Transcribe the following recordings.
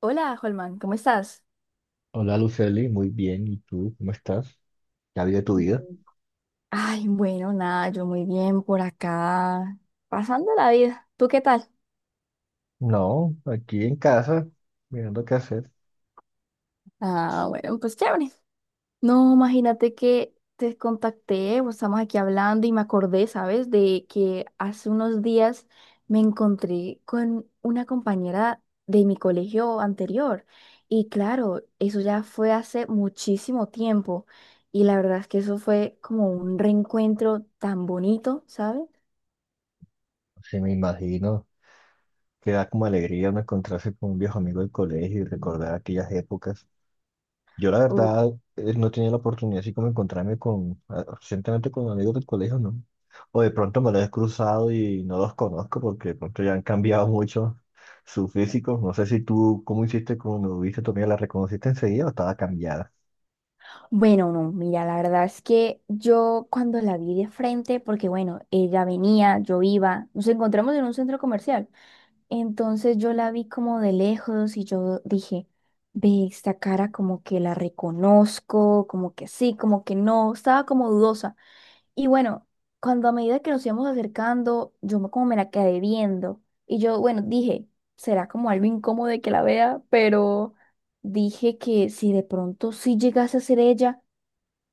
Hola, Holman, ¿cómo estás? Hola, Luceli, muy bien. ¿Y tú cómo estás? ¿Ya vi de tu vida? Mm, Ay, bueno, nada, yo muy bien por acá, pasando la vida. ¿Tú qué tal? No, aquí en casa, mirando qué hacer. Ah, bueno, pues chévere. No, imagínate que te contacté, pues, estamos aquí hablando y me acordé, ¿sabes? De que hace unos días me encontré con una compañera de mi colegio anterior. Y claro, eso ya fue hace muchísimo tiempo. Y la verdad es que eso fue como un reencuentro tan bonito, ¿sabes? Sí, me imagino que da como alegría uno encontrarse con un viejo amigo del colegio y recordar aquellas épocas. Yo la verdad no tenía la oportunidad así como encontrarme con, recientemente con amigos del colegio, ¿no? O de pronto me los he cruzado y no los conozco porque de pronto ya han cambiado mucho su físico. No sé si tú, ¿cómo hiciste cuando viste a tu amiga? ¿La reconociste enseguida o estaba cambiada? Bueno, no, mira, la verdad es que yo cuando la vi de frente, porque bueno, ella venía, yo iba, nos encontramos en un centro comercial. Entonces yo la vi como de lejos y yo dije, ve esta cara como que la reconozco, como que sí, como que no, estaba como dudosa. Y bueno, cuando a medida que nos íbamos acercando, como me la quedé viendo y yo, bueno, dije, será como algo incómodo de que la vea, pero dije que si de pronto sí llegase a ser ella,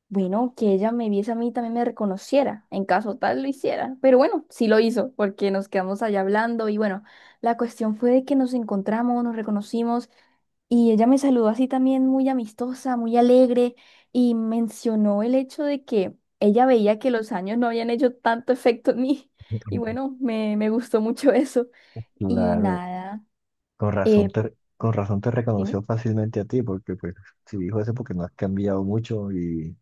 bueno, que ella me viese a mí y también me reconociera, en caso tal lo hiciera. Pero bueno, sí lo hizo, porque nos quedamos allá hablando y bueno, la cuestión fue de que nos encontramos, nos reconocimos y ella me saludó así también muy amistosa, muy alegre y mencionó el hecho de que ella veía que los años no habían hecho tanto efecto en mí y bueno, me gustó mucho eso. Y Claro, nada, Con razón eh, te, con razón te dime. reconoció fácilmente a ti, porque pues si dijo eso porque no has cambiado mucho y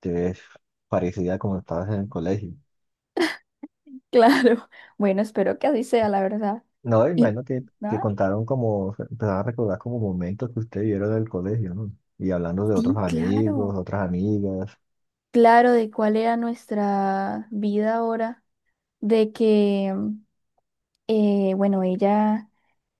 te ves parecida como estabas en el colegio. Claro, bueno, espero que así sea, la verdad. No, Y imagino que nada, contaron como, empezaron a recordar como momentos que ustedes vieron en el colegio, ¿no? Y hablando de otros sí, amigos, claro. otras amigas. Claro de cuál era nuestra vida ahora, de que bueno, ella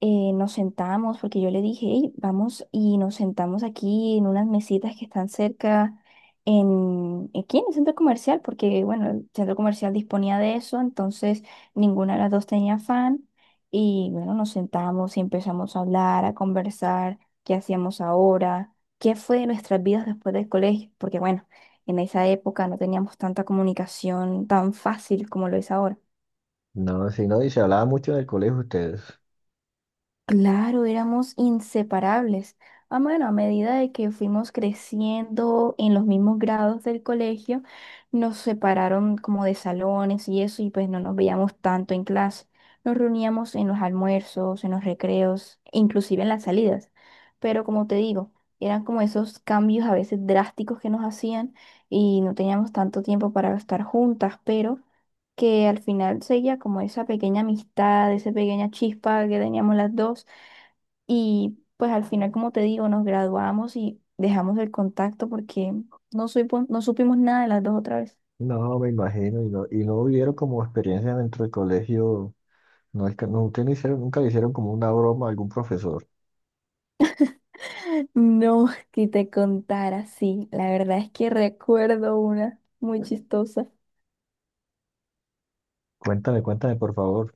eh, nos sentamos porque yo le dije, "Ey, vamos y nos sentamos aquí en unas mesitas que están cerca, aquí en el centro comercial, porque bueno, el centro comercial disponía de eso, entonces ninguna de las dos tenía fan. Y bueno, nos sentamos y empezamos a hablar, a conversar, qué hacíamos ahora, qué fue de nuestras vidas después del colegio, porque bueno, en esa época no teníamos tanta comunicación tan fácil como lo es ahora. No, si no, y se hablaba mucho del colegio ustedes. Claro, éramos inseparables. Ah, bueno, a medida de que fuimos creciendo en los mismos grados del colegio, nos separaron como de salones y eso, y pues no nos veíamos tanto en clase. Nos reuníamos en los almuerzos, en los recreos, inclusive en las salidas. Pero como te digo, eran como esos cambios a veces drásticos que nos hacían y no teníamos tanto tiempo para estar juntas, pero que al final seguía como esa pequeña amistad, esa pequeña chispa que teníamos las dos. Y pues al final, como te digo, nos graduamos y dejamos el contacto porque no supimos nada de las dos otra vez. No, me imagino, y no vivieron como experiencia dentro del colegio. No, es que no, ustedes no hicieron, nunca le hicieron como una broma a algún profesor. No, que te contara, sí. La verdad es que recuerdo una muy chistosa. Cuéntame, cuéntame, por favor.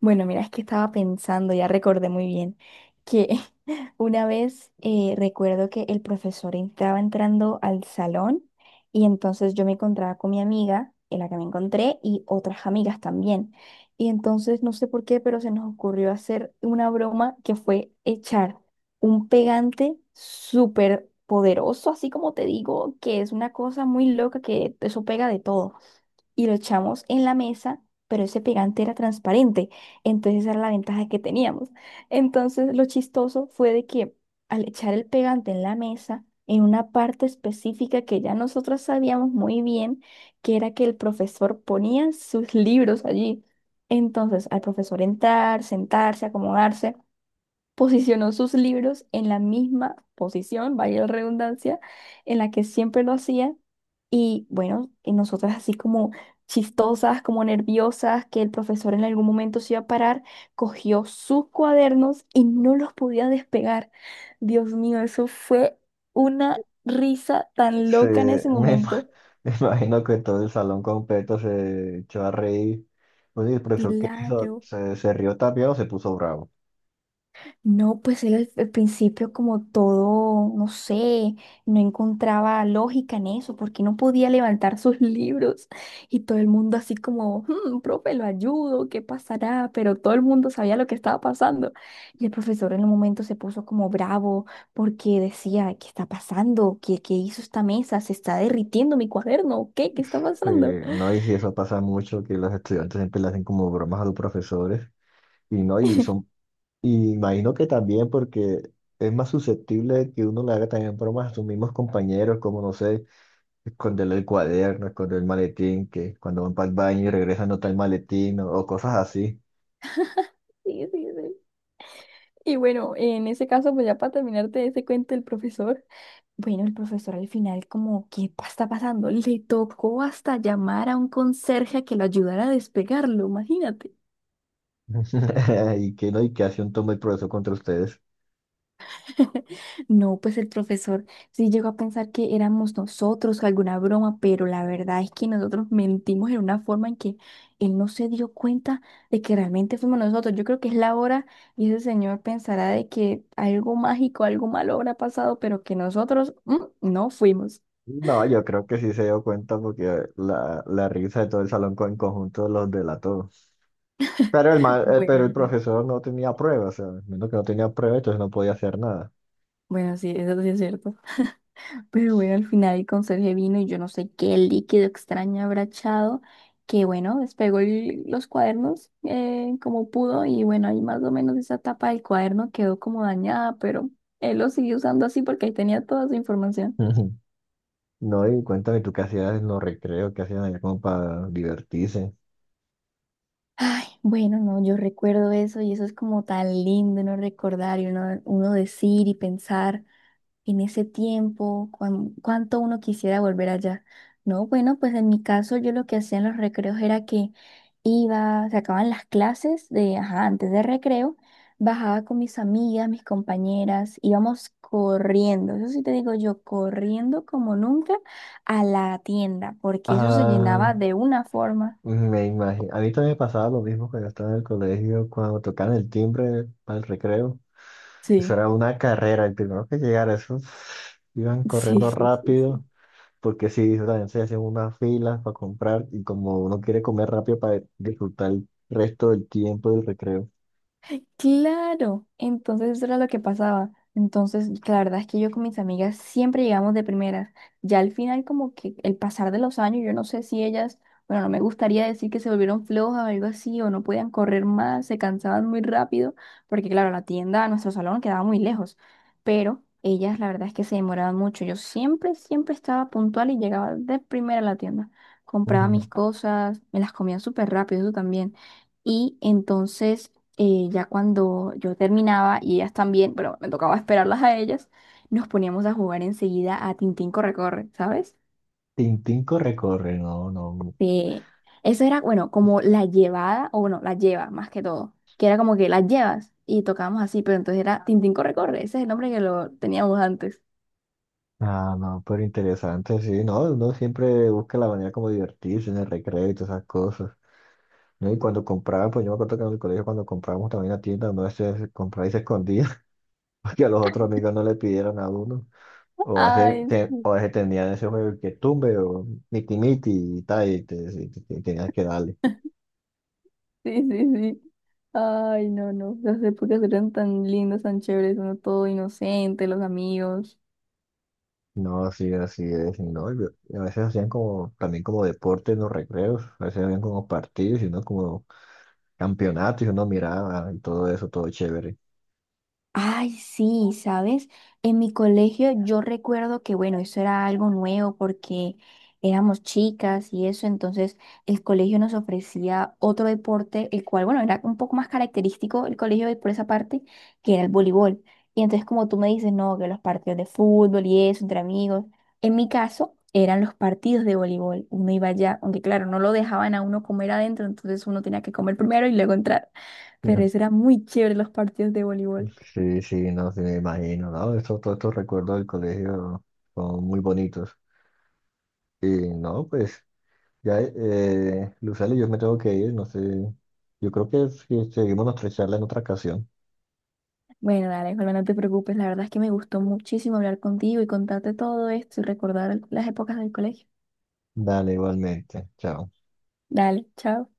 Bueno, mira, es que estaba pensando, ya recordé muy bien, que una vez recuerdo que el profesor estaba entrando al salón y entonces yo me encontraba con mi amiga, en la que me encontré, y otras amigas también. Y entonces no sé por qué, pero se nos ocurrió hacer una broma que fue echar un pegante súper poderoso, así como te digo, que es una cosa muy loca que eso pega de todo y lo echamos en la mesa, pero ese pegante era transparente. Entonces esa era la ventaja que teníamos. Entonces lo chistoso fue de que al echar el pegante en la mesa, en una parte específica que ya nosotros sabíamos muy bien, que era que el profesor ponía sus libros allí. Entonces al profesor entrar, sentarse, acomodarse posicionó sus libros en la misma posición, vaya la redundancia, en la que siempre lo hacía. Y bueno, y nosotras así como chistosas, como nerviosas, que el profesor en algún momento se iba a parar, cogió sus cuadernos y no los podía despegar. Dios mío, eso fue una risa tan Sí, loca en ese momento. me imagino que todo el salón completo se echó a reír. Pues, ¿y el profesor qué hizo? Claro. ¿Se, se rió también o se puso bravo? No, pues él al principio como todo, no sé, no encontraba lógica en eso, porque no podía levantar sus libros y todo el mundo así como, "Hmm, profe, lo ayudo, ¿qué pasará? Pero todo el mundo sabía lo que estaba pasando. Y el profesor en un momento se puso como bravo porque decía, ¿qué está pasando? ¿Qué hizo esta mesa? ¿Se está derritiendo mi cuaderno? ¿Qué? ¿Qué está Sí, pasando? no, y si eso pasa mucho, que los estudiantes siempre le hacen como bromas a los profesores. Y no, y son, y imagino que también porque es más susceptible que uno le haga también bromas a sus mismos compañeros, como no sé, esconderle el cuaderno, esconder el maletín, que cuando van para el baño y regresan no está el maletín o cosas así. Sí, sí, sí. Y bueno, en ese caso, pues ya para terminarte ese cuento del profesor. Bueno, el profesor al final como, ¿está pasando? Le tocó hasta llamar a un conserje a que lo ayudara a despegarlo, imagínate. ¿Y qué, no? ¿Y qué acción tomó el profesor contra ustedes? No, pues el profesor sí llegó a pensar que éramos nosotros alguna broma, pero la verdad es que nosotros mentimos en una forma en que él no se dio cuenta de que realmente fuimos nosotros. Yo creo que es la hora y ese señor pensará de que algo mágico, algo malo habrá pasado, pero que nosotros no fuimos. No, yo creo que sí se dio cuenta porque la risa de todo el salón en conjunto los delató. Pero Bueno, pero el sí, profesor no tenía pruebas, o sea, menos que no tenía pruebas, entonces no podía hacer nada. bueno, sí, eso sí es cierto. Pero bueno, al final el conserje vino y yo no sé qué líquido extraño habrá echado, que bueno, los cuadernos como pudo y bueno, ahí más o menos esa tapa del cuaderno quedó como dañada, pero él lo siguió usando así porque ahí tenía toda su información. Ujú. No, y cuéntame tú qué hacías en los recreos, qué hacían allá como para divertirse. Ay, bueno, no, yo recuerdo eso y eso es como tan lindo uno recordar y uno decir y pensar. En ese tiempo, cuánto uno quisiera volver allá. No, bueno, pues en mi caso yo lo que hacía en los recreos era que iba, se acababan las clases de, ajá, antes de recreo, bajaba con mis amigas, mis compañeras, íbamos corriendo, eso sí te digo yo, corriendo como nunca a la tienda, porque eso se Ah, llenaba de una forma. me imagino. A mí también me pasaba lo mismo cuando estaba en el colegio, cuando tocaban el timbre para el recreo. Eso Sí, era una carrera, el primero que llegara, esos iban sí, corriendo sí, sí, rápido, sí. porque sí, eso también se hacían unas filas para comprar y como uno quiere comer rápido para disfrutar el resto del tiempo del recreo. Claro, entonces eso era lo que pasaba. Entonces, la verdad es que yo con mis amigas siempre llegamos de primeras. Ya al final, como que el pasar de los años, yo no sé si ellas, bueno, no me gustaría decir que se volvieron flojas o algo así, o no podían correr más, se cansaban muy rápido, porque claro, la tienda a nuestro salón quedaba muy lejos, pero ellas la verdad es que se demoraban mucho. Yo siempre, siempre estaba puntual y llegaba de primera a la tienda. Compraba mis cosas, me las comía súper rápido, eso también. Y y ya cuando yo terminaba y ellas también, pero me tocaba esperarlas a ellas, nos poníamos a jugar enseguida a Tintín Corre Corre, ¿sabes? Tintín corre, corre, no, no, Sí. Eso era, bueno, como la llevada, o bueno, la lleva más que todo, que era como que las llevas y tocábamos así, pero entonces era Tintín Corre Corre, ese es el nombre que lo teníamos antes. ah, no, pero interesante, sí, no, uno siempre busca la manera como divertirse en el recreo y todas esas cosas, ¿no? Y cuando compraba, pues yo me acuerdo que en el colegio cuando comprábamos también a tienda, uno a veces compraba y se escondía, para que a los otros amigos no le pidieran a uno. O hace, Ay, sí, o ese tendrían ese juego que tumbe o miti miti y tal, y tenías que darle. sí, sí. sí. Ay, no, no, las épocas eran tan lindas, tan chéveres, uno todo inocente, los amigos. No, sí, así es, y no, y a veces hacían como, también como deporte en los recreos, a veces habían como partidos y uno como campeonatos y uno miraba y todo eso, todo chévere. Ay, sí, ¿sabes? En mi colegio yo recuerdo que, bueno, eso era algo nuevo porque éramos chicas y eso, entonces el colegio nos ofrecía otro deporte, el cual, bueno, era un poco más característico el colegio por esa parte, que era el voleibol. Y entonces como tú me dices, no, que los partidos de fútbol y eso, entre amigos, en mi caso eran los partidos de voleibol. Uno iba allá, aunque claro, no lo dejaban a uno comer adentro, entonces uno tenía que comer primero y luego entrar. Pero eso era muy chévere los partidos de voleibol. Sí, sí, no, sí me imagino, ¿no? Estos, todos estos recuerdos del colegio son muy bonitos. Y no, pues, ya, Lucely, yo me tengo que ir, no sé, yo creo que si seguimos nuestra charla en otra ocasión. Bueno, dale, Holman, no te preocupes. La verdad es que me gustó muchísimo hablar contigo y contarte todo esto y recordar las épocas del colegio. Dale, igualmente. Chao. Dale, chao.